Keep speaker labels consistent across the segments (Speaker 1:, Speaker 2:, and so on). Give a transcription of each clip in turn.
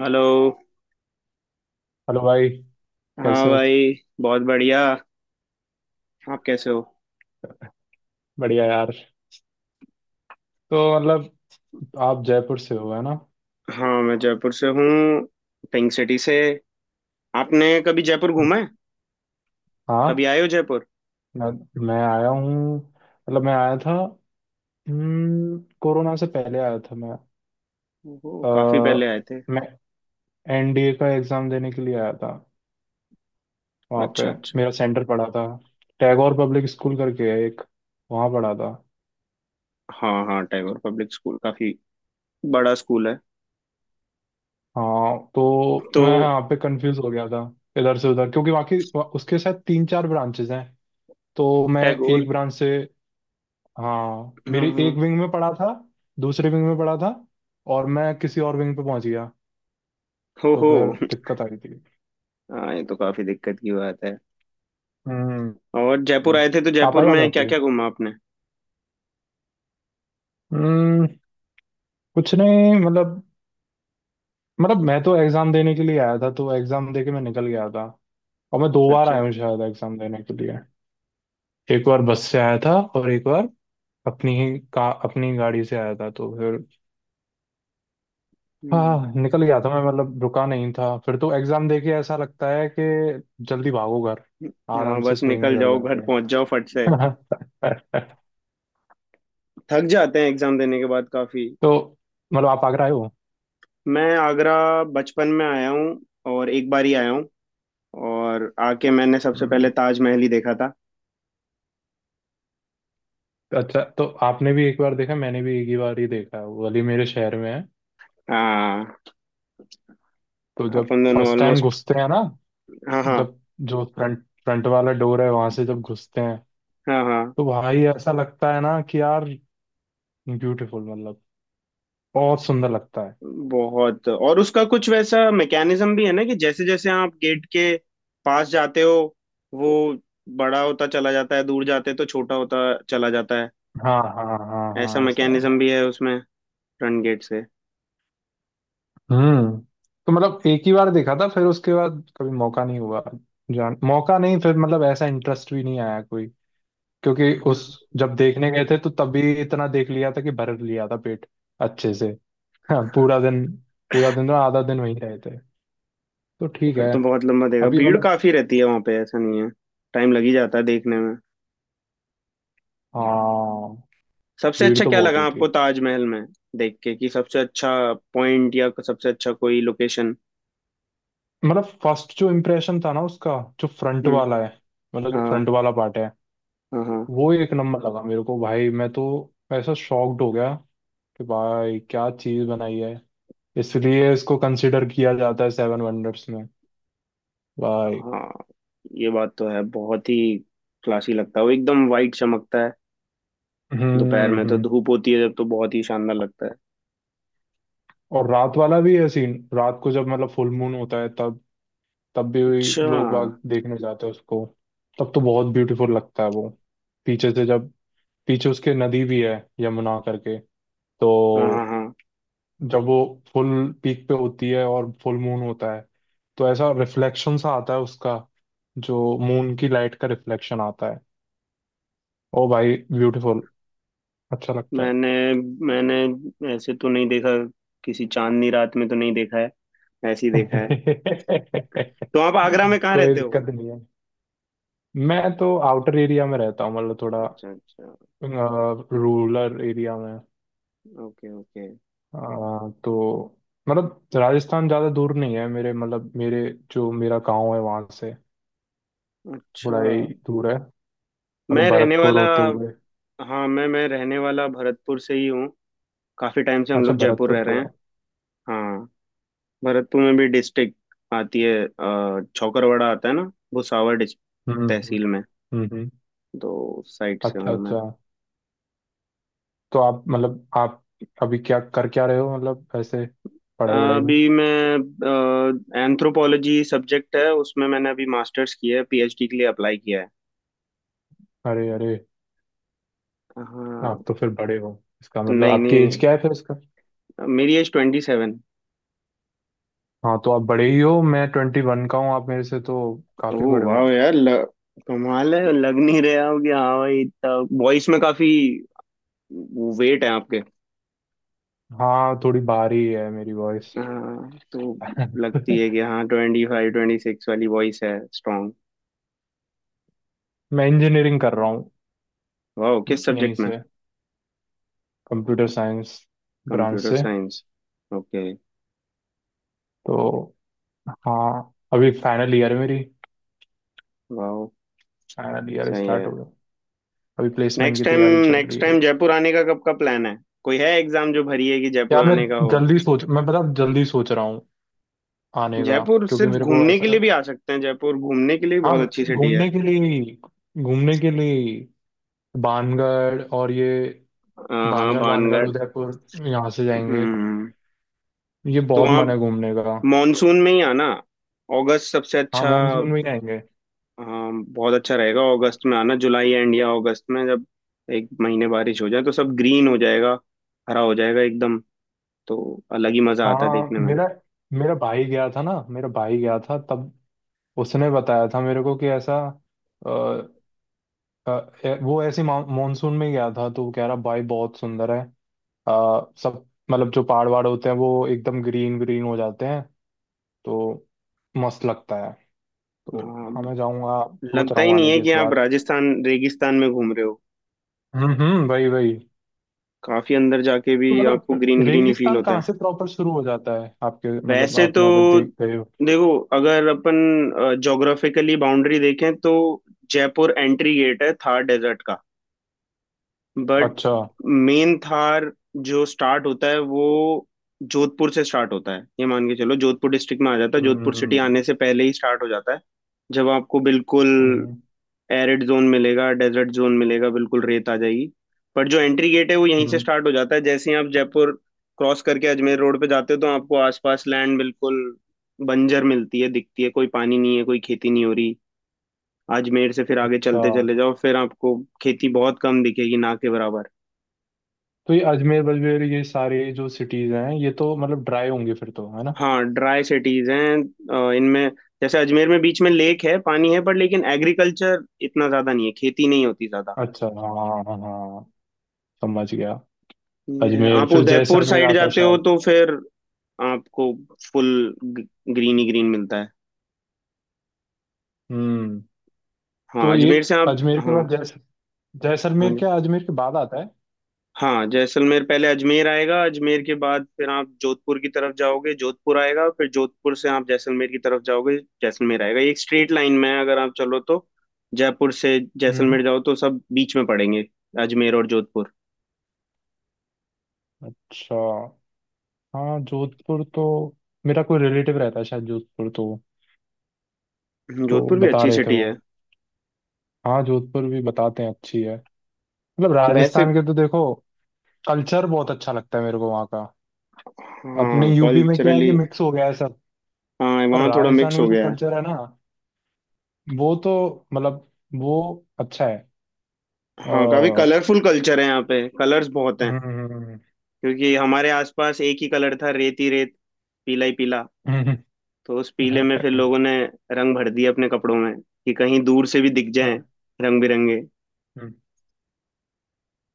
Speaker 1: Hello.
Speaker 2: Hello भाई।
Speaker 1: हाँ
Speaker 2: कैसे हो?
Speaker 1: भाई, बहुत बढ़िया। आप कैसे हो?
Speaker 2: बढ़िया यार। तो मतलब आप जयपुर से हो, है ना?
Speaker 1: हाँ, मैं जयपुर से हूँ, पिंक सिटी से। आपने कभी जयपुर घूमा है?
Speaker 2: हाँ,
Speaker 1: कभी आए हो जयपुर?
Speaker 2: मैं मैं आया हूँ, मतलब मैं आया था। कोरोना से पहले आया था मैं।
Speaker 1: ओहो, काफी पहले
Speaker 2: अ,
Speaker 1: आए थे।
Speaker 2: मैं एनडीए का एग्ज़ाम देने के लिए आया था। वहाँ पे
Speaker 1: अच्छा, अच्छा।
Speaker 2: मेरा सेंटर पड़ा था। टैगोर पब्लिक स्कूल करके है एक, वहाँ पड़ा था।
Speaker 1: हाँ हाँ, टैगोर पब्लिक स्कूल काफी बड़ा स्कूल है।
Speaker 2: हाँ तो मैं
Speaker 1: तो
Speaker 2: यहाँ पे कंफ्यूज हो गया था, इधर से उधर, क्योंकि बाकी उसके साथ तीन चार ब्रांचेज हैं। तो मैं
Speaker 1: टैगोर।
Speaker 2: एक ब्रांच से, हाँ
Speaker 1: हम्म,
Speaker 2: मेरी
Speaker 1: हम्म।
Speaker 2: एक विंग में पड़ा था, दूसरे विंग में पड़ा था, और मैं किसी और विंग पे पहुंच गया।
Speaker 1: हो
Speaker 2: तो
Speaker 1: हो।
Speaker 2: फिर दिक्कत आ रही थी।
Speaker 1: हाँ, ये तो काफी दिक्कत की बात है।
Speaker 2: हम्म
Speaker 1: और जयपुर आए थे तो
Speaker 2: आप
Speaker 1: जयपुर
Speaker 2: आए हो आगरा
Speaker 1: में क्या
Speaker 2: कभी?
Speaker 1: क्या घूमा आपने?
Speaker 2: हम्म कुछ नहीं, मतलब, मैं तो एग्जाम देने के लिए आया था, तो एग्जाम देके मैं निकल गया था। और मैं 2 बार
Speaker 1: अच्छा।
Speaker 2: आया हूँ शायद एग्जाम देने के लिए। एक बार बस से आया था और एक बार अपनी ही का अपनी गाड़ी से आया था, तो फिर
Speaker 1: हम्म।
Speaker 2: हाँ निकल गया था मैं, मतलब रुका नहीं था फिर। तो एग्जाम देके ऐसा लगता है कि जल्दी भागो घर,
Speaker 1: हाँ,
Speaker 2: आराम से
Speaker 1: बस
Speaker 2: सोएंगे
Speaker 1: निकल
Speaker 2: घर
Speaker 1: जाओ, घर
Speaker 2: जाके।
Speaker 1: पहुंच जाओ फट से। थक जाते हैं एग्जाम देने के बाद काफी।
Speaker 2: तो मतलब आप आगरा आए हो?
Speaker 1: मैं आगरा बचपन में आया हूँ, और एक बार ही आया हूँ। और आके मैंने सबसे
Speaker 2: हम्म,
Speaker 1: पहले ताजमहल ही देखा था।
Speaker 2: अच्छा, तो आपने भी एक बार देखा, मैंने भी एक ही बार ही देखा है, वो अली मेरे शहर में है।
Speaker 1: हाँ।
Speaker 2: तो जब
Speaker 1: अपन दोनों
Speaker 2: फर्स्ट टाइम
Speaker 1: ऑलमोस्ट।
Speaker 2: घुसते हैं ना,
Speaker 1: हाँ, हाँ,
Speaker 2: जब जो फ्रंट फ्रंट वाला डोर है वहां से जब घुसते हैं,
Speaker 1: हाँ, हाँ।
Speaker 2: तो भाई ऐसा लगता है ना कि यार ब्यूटीफुल, मतलब बहुत सुंदर लगता है।
Speaker 1: बहुत, और उसका कुछ वैसा मैकेनिज्म भी है ना कि जैसे जैसे आप गेट के पास जाते हो, वो बड़ा होता चला जाता है, दूर जाते तो छोटा होता चला जाता है।
Speaker 2: हाँ, हाँ, हाँ,
Speaker 1: ऐसा
Speaker 2: हाँ, ऐसा
Speaker 1: मैकेनिज्म
Speaker 2: है।
Speaker 1: भी है उसमें, फ्रंट गेट से।
Speaker 2: हम्म तो मतलब एक ही बार देखा था, फिर उसके बाद कभी मौका नहीं हुआ, जान मौका नहीं, फिर मतलब ऐसा इंटरेस्ट भी नहीं आया कोई। क्योंकि
Speaker 1: हम्म।
Speaker 2: उस जब देखने गए थे तो तभी इतना देख लिया था कि भर लिया था पेट अच्छे से। हाँ, पूरा दिन, पूरा दिन, तो आधा दिन वहीं रहे थे, तो ठीक
Speaker 1: फिर
Speaker 2: है।
Speaker 1: तो बहुत लंबा देगा,
Speaker 2: अभी
Speaker 1: भीड़
Speaker 2: मतलब,
Speaker 1: काफी रहती है वहां पे, ऐसा नहीं है। टाइम लग ही जाता है देखने में।
Speaker 2: हाँ,
Speaker 1: सबसे
Speaker 2: भीड़
Speaker 1: अच्छा
Speaker 2: तो
Speaker 1: क्या
Speaker 2: बहुत
Speaker 1: लगा
Speaker 2: होती
Speaker 1: आपको
Speaker 2: है।
Speaker 1: ताजमहल में देख के? कि सबसे अच्छा पॉइंट या सबसे अच्छा कोई लोकेशन?
Speaker 2: मतलब फर्स्ट जो इम्प्रेशन था ना उसका, जो फ्रंट
Speaker 1: हम्म।
Speaker 2: वाला है, मतलब जो
Speaker 1: हाँ,
Speaker 2: फ्रंट वाला पार्ट है,
Speaker 1: हाँ, हाँ,
Speaker 2: वो एक नंबर लगा मेरे को। भाई मैं तो ऐसा शॉक्ड हो गया कि भाई क्या चीज बनाई है। इसलिए इसको कंसिडर किया जाता है सेवन वंडर्स में, भाई।
Speaker 1: हाँ। ये बात तो है, बहुत ही क्लासी लगता है वो, एकदम वाइट चमकता है।
Speaker 2: हम्म।
Speaker 1: दोपहर में तो
Speaker 2: हम्म।
Speaker 1: धूप होती है जब, तो बहुत ही शानदार लगता है।
Speaker 2: और रात वाला भी है सीन, रात को जब मतलब फुल मून होता है तब तब भी
Speaker 1: अच्छा,
Speaker 2: लोग
Speaker 1: हाँ
Speaker 2: बाग देखने जाते हैं उसको, तब तो बहुत ब्यूटीफुल लगता है वो। पीछे से जब, पीछे उसके नदी भी है यमुना करके, तो
Speaker 1: हाँ। हाँ।
Speaker 2: जब वो फुल पीक पे होती है और फुल मून होता है, तो ऐसा रिफ्लेक्शन सा आता है उसका, जो मून की लाइट का रिफ्लेक्शन आता है। ओ भाई, ब्यूटीफुल, अच्छा लगता है।
Speaker 1: मैंने मैंने ऐसे तो नहीं देखा, किसी चांदनी रात में तो नहीं देखा है, ऐसे ही देखा है। तो आप आगरा में कहाँ
Speaker 2: कोई
Speaker 1: रहते हो?
Speaker 2: दिक्कत नहीं है। मैं तो आउटर एरिया में रहता हूँ, मतलब थोड़ा
Speaker 1: अच्छा, अच्छा।
Speaker 2: Rural area okay.
Speaker 1: ओके, ओके।
Speaker 2: अ, तो मतलब राजस्थान ज़्यादा दूर नहीं है मेरे, मतलब मेरे जो मेरा गांव है वहाँ से
Speaker 1: अच्छा।
Speaker 2: थोड़ा ही दूर है, मतलब
Speaker 1: मैं रहने
Speaker 2: भरतपुर
Speaker 1: वाला।
Speaker 2: होते हुए।
Speaker 1: हाँ, मैं रहने वाला भरतपुर से ही हूँ। काफी टाइम से हम
Speaker 2: अच्छा,
Speaker 1: लोग जयपुर
Speaker 2: भरतपुर
Speaker 1: रह रहे
Speaker 2: क्यों?
Speaker 1: हैं। हाँ, भरतपुर में भी डिस्ट्रिक्ट आती है, चौकरवाड़ा आता है ना। भुसावर
Speaker 2: हम्म। हम्म।
Speaker 1: तहसील में।
Speaker 2: हम्म। हम्म।
Speaker 1: तो साइड से
Speaker 2: अच्छा
Speaker 1: हूँ मैं।
Speaker 2: अच्छा, तो आप, मतलब आप अभी क्या कर, क्या रहे हो, मतलब ऐसे पढ़ाई वढ़ाई में?
Speaker 1: अभी मैं, एंथ्रोपोलॉजी सब्जेक्ट है उसमें, मैंने अभी मास्टर्स किया है, पीएचडी के लिए अप्लाई किया है।
Speaker 2: अरे अरे, आप
Speaker 1: हाँ।
Speaker 2: तो फिर बड़े हो। इसका मतलब
Speaker 1: नहीं,
Speaker 2: आपकी
Speaker 1: नहीं,
Speaker 2: एज क्या है फिर इसका?
Speaker 1: मेरी एज 27।
Speaker 2: हाँ तो आप बड़े ही हो। मैं 21 का हूँ, आप मेरे से तो काफी
Speaker 1: ओह
Speaker 2: बड़े हो।
Speaker 1: वाह यार, कमाल है, लग नहीं रहे आप कि हाँ भाई इतना, वॉइस में काफी वेट है आपके।
Speaker 2: हाँ, थोड़ी भारी है मेरी वॉइस।
Speaker 1: हाँ, तो। लगती है कि हाँ 25-26 वाली वॉइस है, स्ट्रॉन्ग।
Speaker 2: मैं इंजीनियरिंग कर रहा हूँ
Speaker 1: वाह, किस
Speaker 2: यहीं
Speaker 1: सब्जेक्ट में?
Speaker 2: से, कंप्यूटर साइंस ब्रांच
Speaker 1: कंप्यूटर
Speaker 2: से।
Speaker 1: साइंस। ओके।
Speaker 2: तो हाँ, अभी फाइनल ईयर है मेरी,
Speaker 1: वाह,
Speaker 2: फाइनल ईयर
Speaker 1: सही
Speaker 2: स्टार्ट
Speaker 1: है।
Speaker 2: हो गया। अभी प्लेसमेंट
Speaker 1: नेक्स्ट
Speaker 2: की
Speaker 1: टाइम
Speaker 2: तैयारी चल रही
Speaker 1: नेक्स्ट
Speaker 2: है
Speaker 1: टाइम
Speaker 2: बस।
Speaker 1: जयपुर आने का कब का प्लान है? कोई है एग्जाम जो भरी है कि जयपुर
Speaker 2: यार मैं,
Speaker 1: आने का हो?
Speaker 2: जल्दी सोच, मैं पता जल्दी सोच रहा हूँ आने का।
Speaker 1: जयपुर
Speaker 2: क्योंकि
Speaker 1: सिर्फ
Speaker 2: मेरे को
Speaker 1: घूमने के लिए
Speaker 2: ऐसा,
Speaker 1: भी आ सकते हैं, जयपुर घूमने के लिए भी
Speaker 2: हाँ,
Speaker 1: बहुत अच्छी सिटी है।
Speaker 2: घूमने के लिए ही, घूमने के लिए ही। बानगढ़ और ये,
Speaker 1: हाँ हाँ,
Speaker 2: बानगढ़ बानगढ़
Speaker 1: भानगढ़।
Speaker 2: उदयपुर यहाँ से जाएंगे,
Speaker 1: हम्म।
Speaker 2: ये
Speaker 1: तो
Speaker 2: बहुत
Speaker 1: वहाँ
Speaker 2: मन है घूमने का।
Speaker 1: मॉनसून में ही आना, अगस्त सबसे
Speaker 2: हाँ
Speaker 1: अच्छा।
Speaker 2: मानसून में जाएंगे।
Speaker 1: हाँ, बहुत अच्छा रहेगा अगस्त में आना, जुलाई एंड या अगस्त में, जब एक महीने बारिश हो जाए तो सब ग्रीन हो जाएगा। हरा हो जाएगा एकदम। तो अलग ही मजा आता है
Speaker 2: हाँ,
Speaker 1: देखने में।
Speaker 2: मेरा मेरा भाई गया था ना, मेरा भाई गया था तब, उसने बताया था मेरे को कि ऐसा, अ, वो ऐसे मानसून में गया था, तो वो कह रहा भाई बहुत सुंदर है। सब मतलब जो पहाड़ वहाड़ होते हैं वो एकदम ग्रीन ग्रीन हो जाते हैं, तो मस्त लगता है। तो
Speaker 1: हाँ।
Speaker 2: हाँ मैं जाऊंगा, सोच
Speaker 1: लगता
Speaker 2: रहा
Speaker 1: ही
Speaker 2: हूँ
Speaker 1: नहीं
Speaker 2: आने
Speaker 1: है
Speaker 2: की इस
Speaker 1: कि आप
Speaker 2: बार।
Speaker 1: राजस्थान रेगिस्तान में घूम रहे हो।
Speaker 2: हम्म, वही वही।
Speaker 1: काफी अंदर जाके भी
Speaker 2: तो
Speaker 1: आपको
Speaker 2: मतलब
Speaker 1: ग्रीन ग्रीन ही फील
Speaker 2: रेगिस्तान
Speaker 1: होता
Speaker 2: कहाँ
Speaker 1: है।
Speaker 2: से प्रॉपर शुरू हो जाता है आपके, मतलब
Speaker 1: वैसे तो
Speaker 2: आपने अगर देख गए हो?
Speaker 1: देखो, अगर अपन ज्योग्राफिकली बाउंड्री देखें तो जयपुर एंट्री गेट है थार डेजर्ट का। बट
Speaker 2: अच्छा।
Speaker 1: मेन थार जो स्टार्ट होता है वो जोधपुर से स्टार्ट होता है। ये मान के चलो, जोधपुर डिस्ट्रिक्ट में आ जाता है, जोधपुर सिटी
Speaker 2: हम्म।
Speaker 1: आने से पहले ही स्टार्ट हो जाता है। जब आपको बिल्कुल
Speaker 2: हम्म।
Speaker 1: एरिड जोन मिलेगा, डेजर्ट जोन मिलेगा, बिल्कुल रेत आ जाएगी। पर जो एंट्री गेट है वो यहीं से
Speaker 2: हम्म,
Speaker 1: स्टार्ट हो जाता है। जैसे ही आप जयपुर क्रॉस करके अजमेर रोड पे जाते हो तो आपको आसपास लैंड बिल्कुल बंजर मिलती है, दिखती है, कोई पानी नहीं है, कोई खेती नहीं हो रही। अजमेर से फिर आगे
Speaker 2: अच्छा।
Speaker 1: चलते चले जाओ, फिर आपको खेती बहुत कम दिखेगी, ना के बराबर।
Speaker 2: तो ये अजमेर बजमेर, ये सारे जो सिटीज हैं, ये तो मतलब ड्राई होंगे फिर तो, है ना?
Speaker 1: हाँ, ड्राई सिटीज हैं, इनमें जैसे अजमेर में बीच में लेक है, पानी है, पर लेकिन एग्रीकल्चर इतना ज्यादा नहीं है, खेती नहीं होती ज्यादा।
Speaker 2: अच्छा, हाँ हाँ हाँ, समझ गया।
Speaker 1: ये है,
Speaker 2: अजमेर
Speaker 1: आप
Speaker 2: फिर
Speaker 1: उदयपुर
Speaker 2: जैसलमेर
Speaker 1: साइड
Speaker 2: आता है
Speaker 1: जाते हो
Speaker 2: शायद।
Speaker 1: तो फिर आपको फुल ग्रीन ही ग्रीन मिलता है।
Speaker 2: हम्म।
Speaker 1: हाँ,
Speaker 2: तो ये
Speaker 1: अजमेर से आप,
Speaker 2: अजमेर के
Speaker 1: हाँ।
Speaker 2: बाद जैसलमेर
Speaker 1: हाँ
Speaker 2: क्या अजमेर के बाद आता है?
Speaker 1: हाँ, जैसलमेर पहले अजमेर आएगा, अजमेर के बाद फिर आप जोधपुर की तरफ जाओगे, जोधपुर आएगा, फिर जोधपुर से आप जैसलमेर की तरफ जाओगे, जैसलमेर आएगा। ये एक स्ट्रेट लाइन में है अगर आप चलो तो। जयपुर से
Speaker 2: हम्म।
Speaker 1: जैसलमेर जाओ तो सब बीच में पड़ेंगे, अजमेर और जोधपुर।
Speaker 2: अच्छा, हाँ जोधपुर तो, मेरा कोई रिलेटिव रहता है शायद जोधपुर तो
Speaker 1: जोधपुर भी
Speaker 2: बता
Speaker 1: अच्छी
Speaker 2: रहे थे
Speaker 1: सिटी
Speaker 2: वो।
Speaker 1: है
Speaker 2: हाँ जोधपुर भी बताते हैं अच्छी है। मतलब
Speaker 1: वैसे।
Speaker 2: राजस्थान के तो देखो कल्चर बहुत अच्छा लगता है मेरे को वहाँ का। अपने
Speaker 1: हाँ
Speaker 2: यूपी में क्या है कि
Speaker 1: कल्चरली।
Speaker 2: मिक्स हो गया है सब।
Speaker 1: हाँ,
Speaker 2: पर
Speaker 1: वहाँ थोड़ा मिक्स
Speaker 2: राजस्थान का
Speaker 1: हो
Speaker 2: जो
Speaker 1: गया है।
Speaker 2: कल्चर है ना, वो तो मतलब, वो अच्छा है।
Speaker 1: हाँ, काफी
Speaker 2: हम्म।
Speaker 1: कलरफुल कल्चर है यहाँ पे, कलर्स बहुत हैं।
Speaker 2: हम्म,
Speaker 1: क्योंकि हमारे आसपास एक ही कलर था, रेत ही रेत, पीला ही पीला।
Speaker 2: हम्म।
Speaker 1: तो उस पीले में फिर लोगों ने रंग भर दिए अपने कपड़ों में, कि कहीं दूर से भी दिख जाएं,
Speaker 2: हम्म।
Speaker 1: रंग बिरंगे।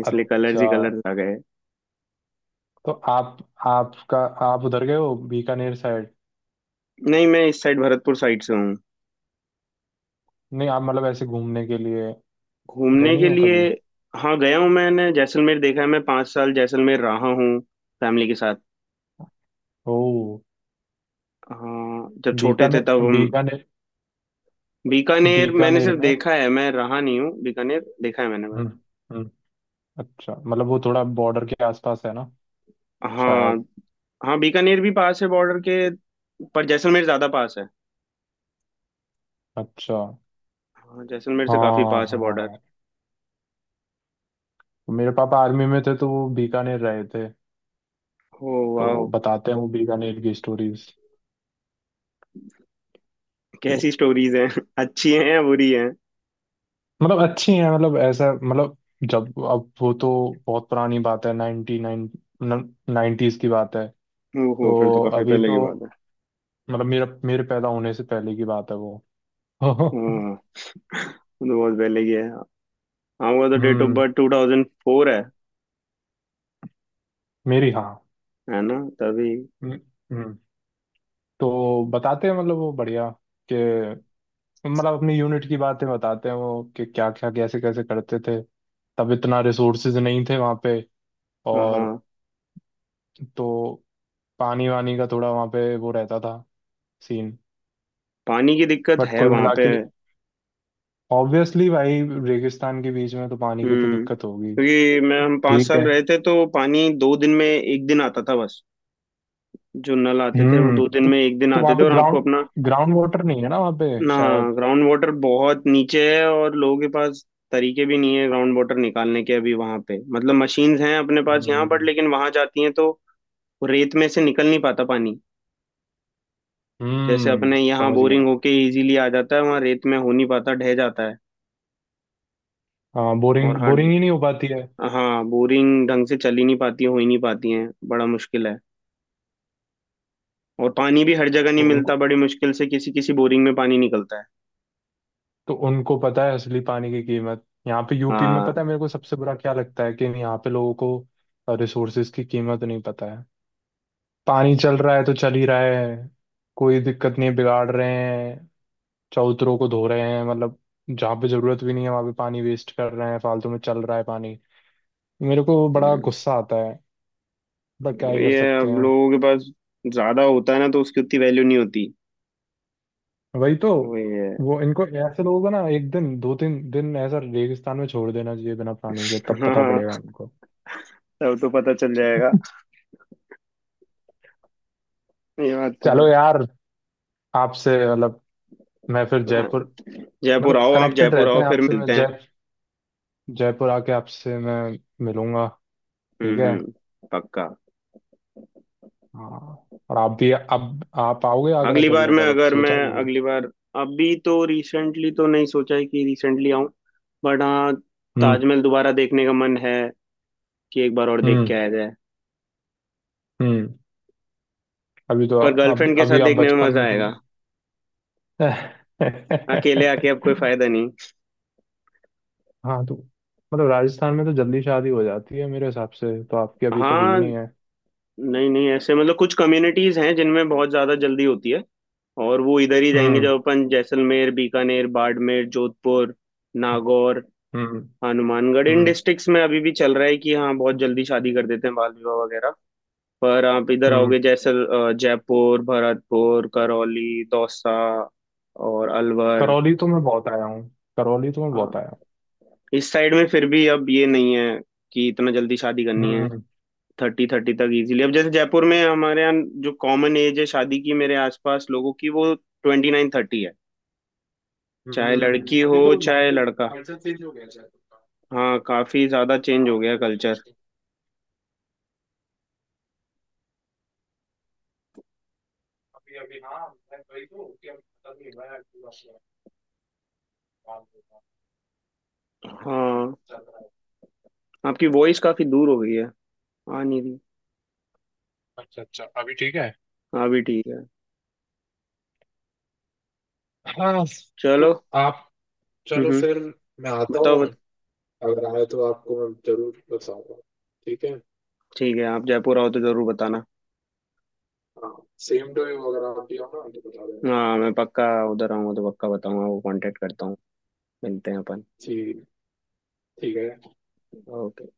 Speaker 1: इसलिए कलर्स
Speaker 2: अच्छा
Speaker 1: ही कलर्स आ गए।
Speaker 2: तो आप, आपका, आप उधर गए हो बीकानेर साइड?
Speaker 1: नहीं, मैं इस साइड, भरतपुर साइड से हूँ।
Speaker 2: नहीं, आप मतलब ऐसे घूमने के लिए गए
Speaker 1: घूमने
Speaker 2: नहीं
Speaker 1: के
Speaker 2: हो
Speaker 1: लिए।
Speaker 2: कभी?
Speaker 1: हाँ, गया हूँ, मैंने जैसलमेर देखा है, मैं 5 साल जैसलमेर रहा हूँ, फैमिली के साथ।
Speaker 2: ओ।
Speaker 1: हाँ, जब छोटे थे तब
Speaker 2: बीकानेर?
Speaker 1: हम।
Speaker 2: बीकानेर,
Speaker 1: बीकानेर मैंने
Speaker 2: बीकानेर
Speaker 1: सिर्फ
Speaker 2: में।
Speaker 1: देखा है, मैं रहा नहीं हूँ, बीकानेर देखा है मैंने बस।
Speaker 2: हम्म। हम्म। अच्छा, मतलब वो थोड़ा बॉर्डर के आसपास है ना
Speaker 1: हाँ।
Speaker 2: शायद?
Speaker 1: हाँ, बीकानेर भी पास है बॉर्डर के, पर जैसलमेर ज्यादा पास है।
Speaker 2: अच्छा।
Speaker 1: हाँ, जैसलमेर से काफी
Speaker 2: हाँ
Speaker 1: पास है बॉर्डर।
Speaker 2: हाँ, तो मेरे पापा आर्मी में थे तो वो बीकानेर रहे थे,
Speaker 1: ओ
Speaker 2: तो
Speaker 1: वाह।
Speaker 2: बताते हैं वो बीकानेर की स्टोरीज। तो
Speaker 1: कैसी स्टोरीज हैं अच्छी हैं या बुरी हैं?
Speaker 2: मतलब अच्छी हैं, मतलब ऐसा, मतलब जब, अब वो तो बहुत पुरानी बात है, 99, 90s की बात है।
Speaker 1: ओहो, फिर तो
Speaker 2: तो
Speaker 1: काफी
Speaker 2: अभी
Speaker 1: पहले
Speaker 2: तो,
Speaker 1: की बात है।
Speaker 2: मतलब मेरा, मेरे पैदा होने से पहले की बात है वो।
Speaker 1: हाँ, वो तो बहुत पहले की है। हाँ, वो तो डेट ऑफ
Speaker 2: हम्म,
Speaker 1: बर्थ 2004 है।
Speaker 2: मेरी हाँ।
Speaker 1: है ना तभी।
Speaker 2: हम्म। हम्म। तो बताते हैं, मतलब वो बढ़िया कि, मतलब अपनी यूनिट की बातें बताते हैं वो कि क्या क्या कैसे कैसे करते थे। तब इतना रिसोर्सेज नहीं थे वहाँ पे।
Speaker 1: हाँ, हाँ।
Speaker 2: और तो पानी वानी का थोड़ा वहाँ पे वो रहता था सीन।
Speaker 1: पानी की दिक्कत
Speaker 2: बट
Speaker 1: है
Speaker 2: कुल
Speaker 1: वहां
Speaker 2: मिला
Speaker 1: पे।
Speaker 2: के ऑब्वियसली भाई रेगिस्तान के बीच में तो पानी की तो
Speaker 1: हम्म,
Speaker 2: दिक्कत होगी।
Speaker 1: क्योंकि मैं हम पाँच
Speaker 2: ठीक
Speaker 1: साल
Speaker 2: है।
Speaker 1: रहे थे तो पानी 2 दिन में 1 दिन आता था बस। जो नल आते थे वो
Speaker 2: हम्म।
Speaker 1: दो दिन
Speaker 2: तो
Speaker 1: में एक दिन
Speaker 2: तो
Speaker 1: आते
Speaker 2: वहाँ
Speaker 1: थे,
Speaker 2: पे
Speaker 1: और आपको
Speaker 2: ग्राउंड
Speaker 1: अपना।
Speaker 2: ग्राउंड वाटर नहीं है ना वहाँ पे
Speaker 1: ना।
Speaker 2: शायद?
Speaker 1: ग्राउंड वाटर बहुत नीचे है, और लोगों के पास तरीके भी नहीं है ग्राउंड वाटर निकालने के, अभी वहां पे मतलब मशीन्स हैं अपने पास यहाँ, बट
Speaker 2: हम्म।
Speaker 1: लेकिन वहां जाती हैं तो वो रेत में से निकल नहीं पाता पानी। जैसे
Speaker 2: हम्म,
Speaker 1: अपने यहाँ
Speaker 2: समझ
Speaker 1: बोरिंग
Speaker 2: गया।
Speaker 1: होके इजीली आ जाता है, वहाँ रेत में हो नहीं पाता, ढह जाता है।
Speaker 2: हाँ
Speaker 1: और
Speaker 2: बोरिंग
Speaker 1: हर।
Speaker 2: बोरिंग ही नहीं हो पाती है।
Speaker 1: हाँ, बोरिंग ढंग से चल ही नहीं पाती, हो ही नहीं पाती है, बड़ा मुश्किल है। और पानी भी हर जगह
Speaker 2: तो
Speaker 1: नहीं मिलता,
Speaker 2: उनको
Speaker 1: बड़ी मुश्किल से किसी किसी बोरिंग में पानी निकलता है।
Speaker 2: तो उनको पता है असली पानी की कीमत। यहाँ पे यूपी में, पता
Speaker 1: हाँ।
Speaker 2: है मेरे को सबसे बुरा क्या लगता है, कि यहाँ पे लोगों को रिसोर्सेज की कीमत नहीं पता है। पानी चल रहा है तो चल ही रहा है, कोई दिक्कत नहीं है, बिगाड़ रहे हैं, चबूतरों को धो रहे हैं, मतलब जहाँ पे जरूरत भी नहीं है वहाँ पे पानी वेस्ट कर रहे हैं, फालतू में चल रहा है पानी। मेरे को बड़ा
Speaker 1: हम्म।
Speaker 2: गुस्सा आता है, पर क्या ही कर
Speaker 1: ये
Speaker 2: सकते
Speaker 1: अब
Speaker 2: हैं।
Speaker 1: लोगों के पास ज्यादा होता है ना, तो उसकी उतनी वैल्यू नहीं होती।
Speaker 2: वही तो।
Speaker 1: वही है।
Speaker 2: वो इनको, ऐसे लोगों को ना एक दिन दो तीन दिन ऐसा रेगिस्तान में छोड़ देना चाहिए बिना पानी के, तब पता
Speaker 1: हाँ,
Speaker 2: पड़ेगा उनको।
Speaker 1: तब तो पता चल जाएगा। ये बात तो
Speaker 2: चलो
Speaker 1: है।
Speaker 2: यार, आपसे मतलब, मैं फिर
Speaker 1: हाँ,
Speaker 2: जयपुर,
Speaker 1: जयपुर
Speaker 2: मतलब
Speaker 1: आओ, आप
Speaker 2: कनेक्टेड
Speaker 1: जयपुर
Speaker 2: रहते
Speaker 1: आओ
Speaker 2: हैं
Speaker 1: फिर
Speaker 2: आपसे। मैं
Speaker 1: मिलते हैं।
Speaker 2: जय जयपुर आके आपसे मैं मिलूंगा। ठीक
Speaker 1: हम्म,
Speaker 2: है।
Speaker 1: हम्म। पक्का।
Speaker 2: हाँ। और आप भी, अब आप आओगे आगरा
Speaker 1: अगली
Speaker 2: कभी,
Speaker 1: बार मैं
Speaker 2: मतलब अब
Speaker 1: अगर
Speaker 2: सोचा
Speaker 1: मैं
Speaker 2: है कभी?
Speaker 1: अगली बार, अभी तो रिसेंटली तो नहीं सोचा है कि रिसेंटली आऊं, बट हाँ,
Speaker 2: हम्म।
Speaker 1: ताजमहल दोबारा देखने का मन है, कि एक बार और देख के
Speaker 2: हम्म।
Speaker 1: आया जाए।
Speaker 2: हम्म। अभी तो,
Speaker 1: पर
Speaker 2: अभी
Speaker 1: गर्लफ्रेंड के साथ
Speaker 2: अभी आप
Speaker 1: देखने में
Speaker 2: बचपन
Speaker 1: मजा
Speaker 2: में-
Speaker 1: आएगा, अकेले आके अब कोई फायदा नहीं।
Speaker 2: हाँ तो मतलब राजस्थान में तो जल्दी शादी हो जाती है मेरे हिसाब से, तो आपकी अभी तक हुई
Speaker 1: हाँ।
Speaker 2: नहीं है?
Speaker 1: नहीं, नहीं, ऐसे मतलब कुछ कम्युनिटीज हैं जिनमें बहुत ज्यादा जल्दी होती है। और वो इधर ही जाएंगे,
Speaker 2: हम्म।
Speaker 1: जब अपन जैसलमेर, बीकानेर, बाड़मेर, जोधपुर, नागौर,
Speaker 2: हम्म।
Speaker 1: हनुमानगढ़, इन
Speaker 2: हम्म।
Speaker 1: डिस्ट्रिक्ट्स में अभी भी चल रहा है कि हाँ, बहुत जल्दी शादी कर देते हैं, बाल विवाह वगैरह। पर आप इधर
Speaker 2: हम्म।
Speaker 1: आओगे, जयपुर, भरतपुर, करौली, दौसा और अलवर।
Speaker 2: करौली तो मैं बहुत आया हूँ, करौली तो मैं
Speaker 1: हाँ,
Speaker 2: बहुत आया
Speaker 1: इस साइड में फिर भी अब ये नहीं है कि इतना जल्दी शादी
Speaker 2: हूँ।
Speaker 1: करनी है।
Speaker 2: हम्म।
Speaker 1: 30-30 तक इजीली, अब जैसे जयपुर में हमारे यहाँ जो कॉमन एज है शादी की, मेरे आसपास लोगों की, वो 29-30 है। चाहे
Speaker 2: हम्म,
Speaker 1: लड़की हो
Speaker 2: अभी तो वहाँ
Speaker 1: चाहे
Speaker 2: पे
Speaker 1: लड़का।
Speaker 2: कल्चर चेंज हो गया शायद उनका।
Speaker 1: हाँ,
Speaker 2: तो
Speaker 1: काफी ज्यादा
Speaker 2: मतलब
Speaker 1: चेंज हो
Speaker 2: चालू
Speaker 1: गया
Speaker 2: हो गया
Speaker 1: कल्चर।
Speaker 2: कुछ। अभी अभी हाँ मैं वही तो, कि अब पता नहीं, हुआ है पूरा शहर, काम होगा,
Speaker 1: हाँ।
Speaker 2: चल रहा है।
Speaker 1: आपकी वॉइस काफी दूर हो गई है, आ नहीं रही।
Speaker 2: अच्छा अच्छा, अभी ठीक है।
Speaker 1: हाँ भी ठीक है।
Speaker 2: हाँ।
Speaker 1: चलो।
Speaker 2: तो आप,
Speaker 1: हम्म,
Speaker 2: चलो
Speaker 1: हम्म।
Speaker 2: फिर, मैं आता
Speaker 1: बताओ,
Speaker 2: हूँ। अगर आए तो आपको मैं जरूर बताऊंगा। ठीक है।
Speaker 1: ठीक है, आप जयपुर आओ तो जरूर बताना।
Speaker 2: हाँ, सेम टू यू, अगर आप भी हो ना तो बता देना।
Speaker 1: हाँ, मैं पक्का उधर आऊंगा तो पक्का बताऊंगा, वो कांटेक्ट करता हूँ। मिलते हैं अपन।
Speaker 2: ठीक। ठीक है।
Speaker 1: ओके।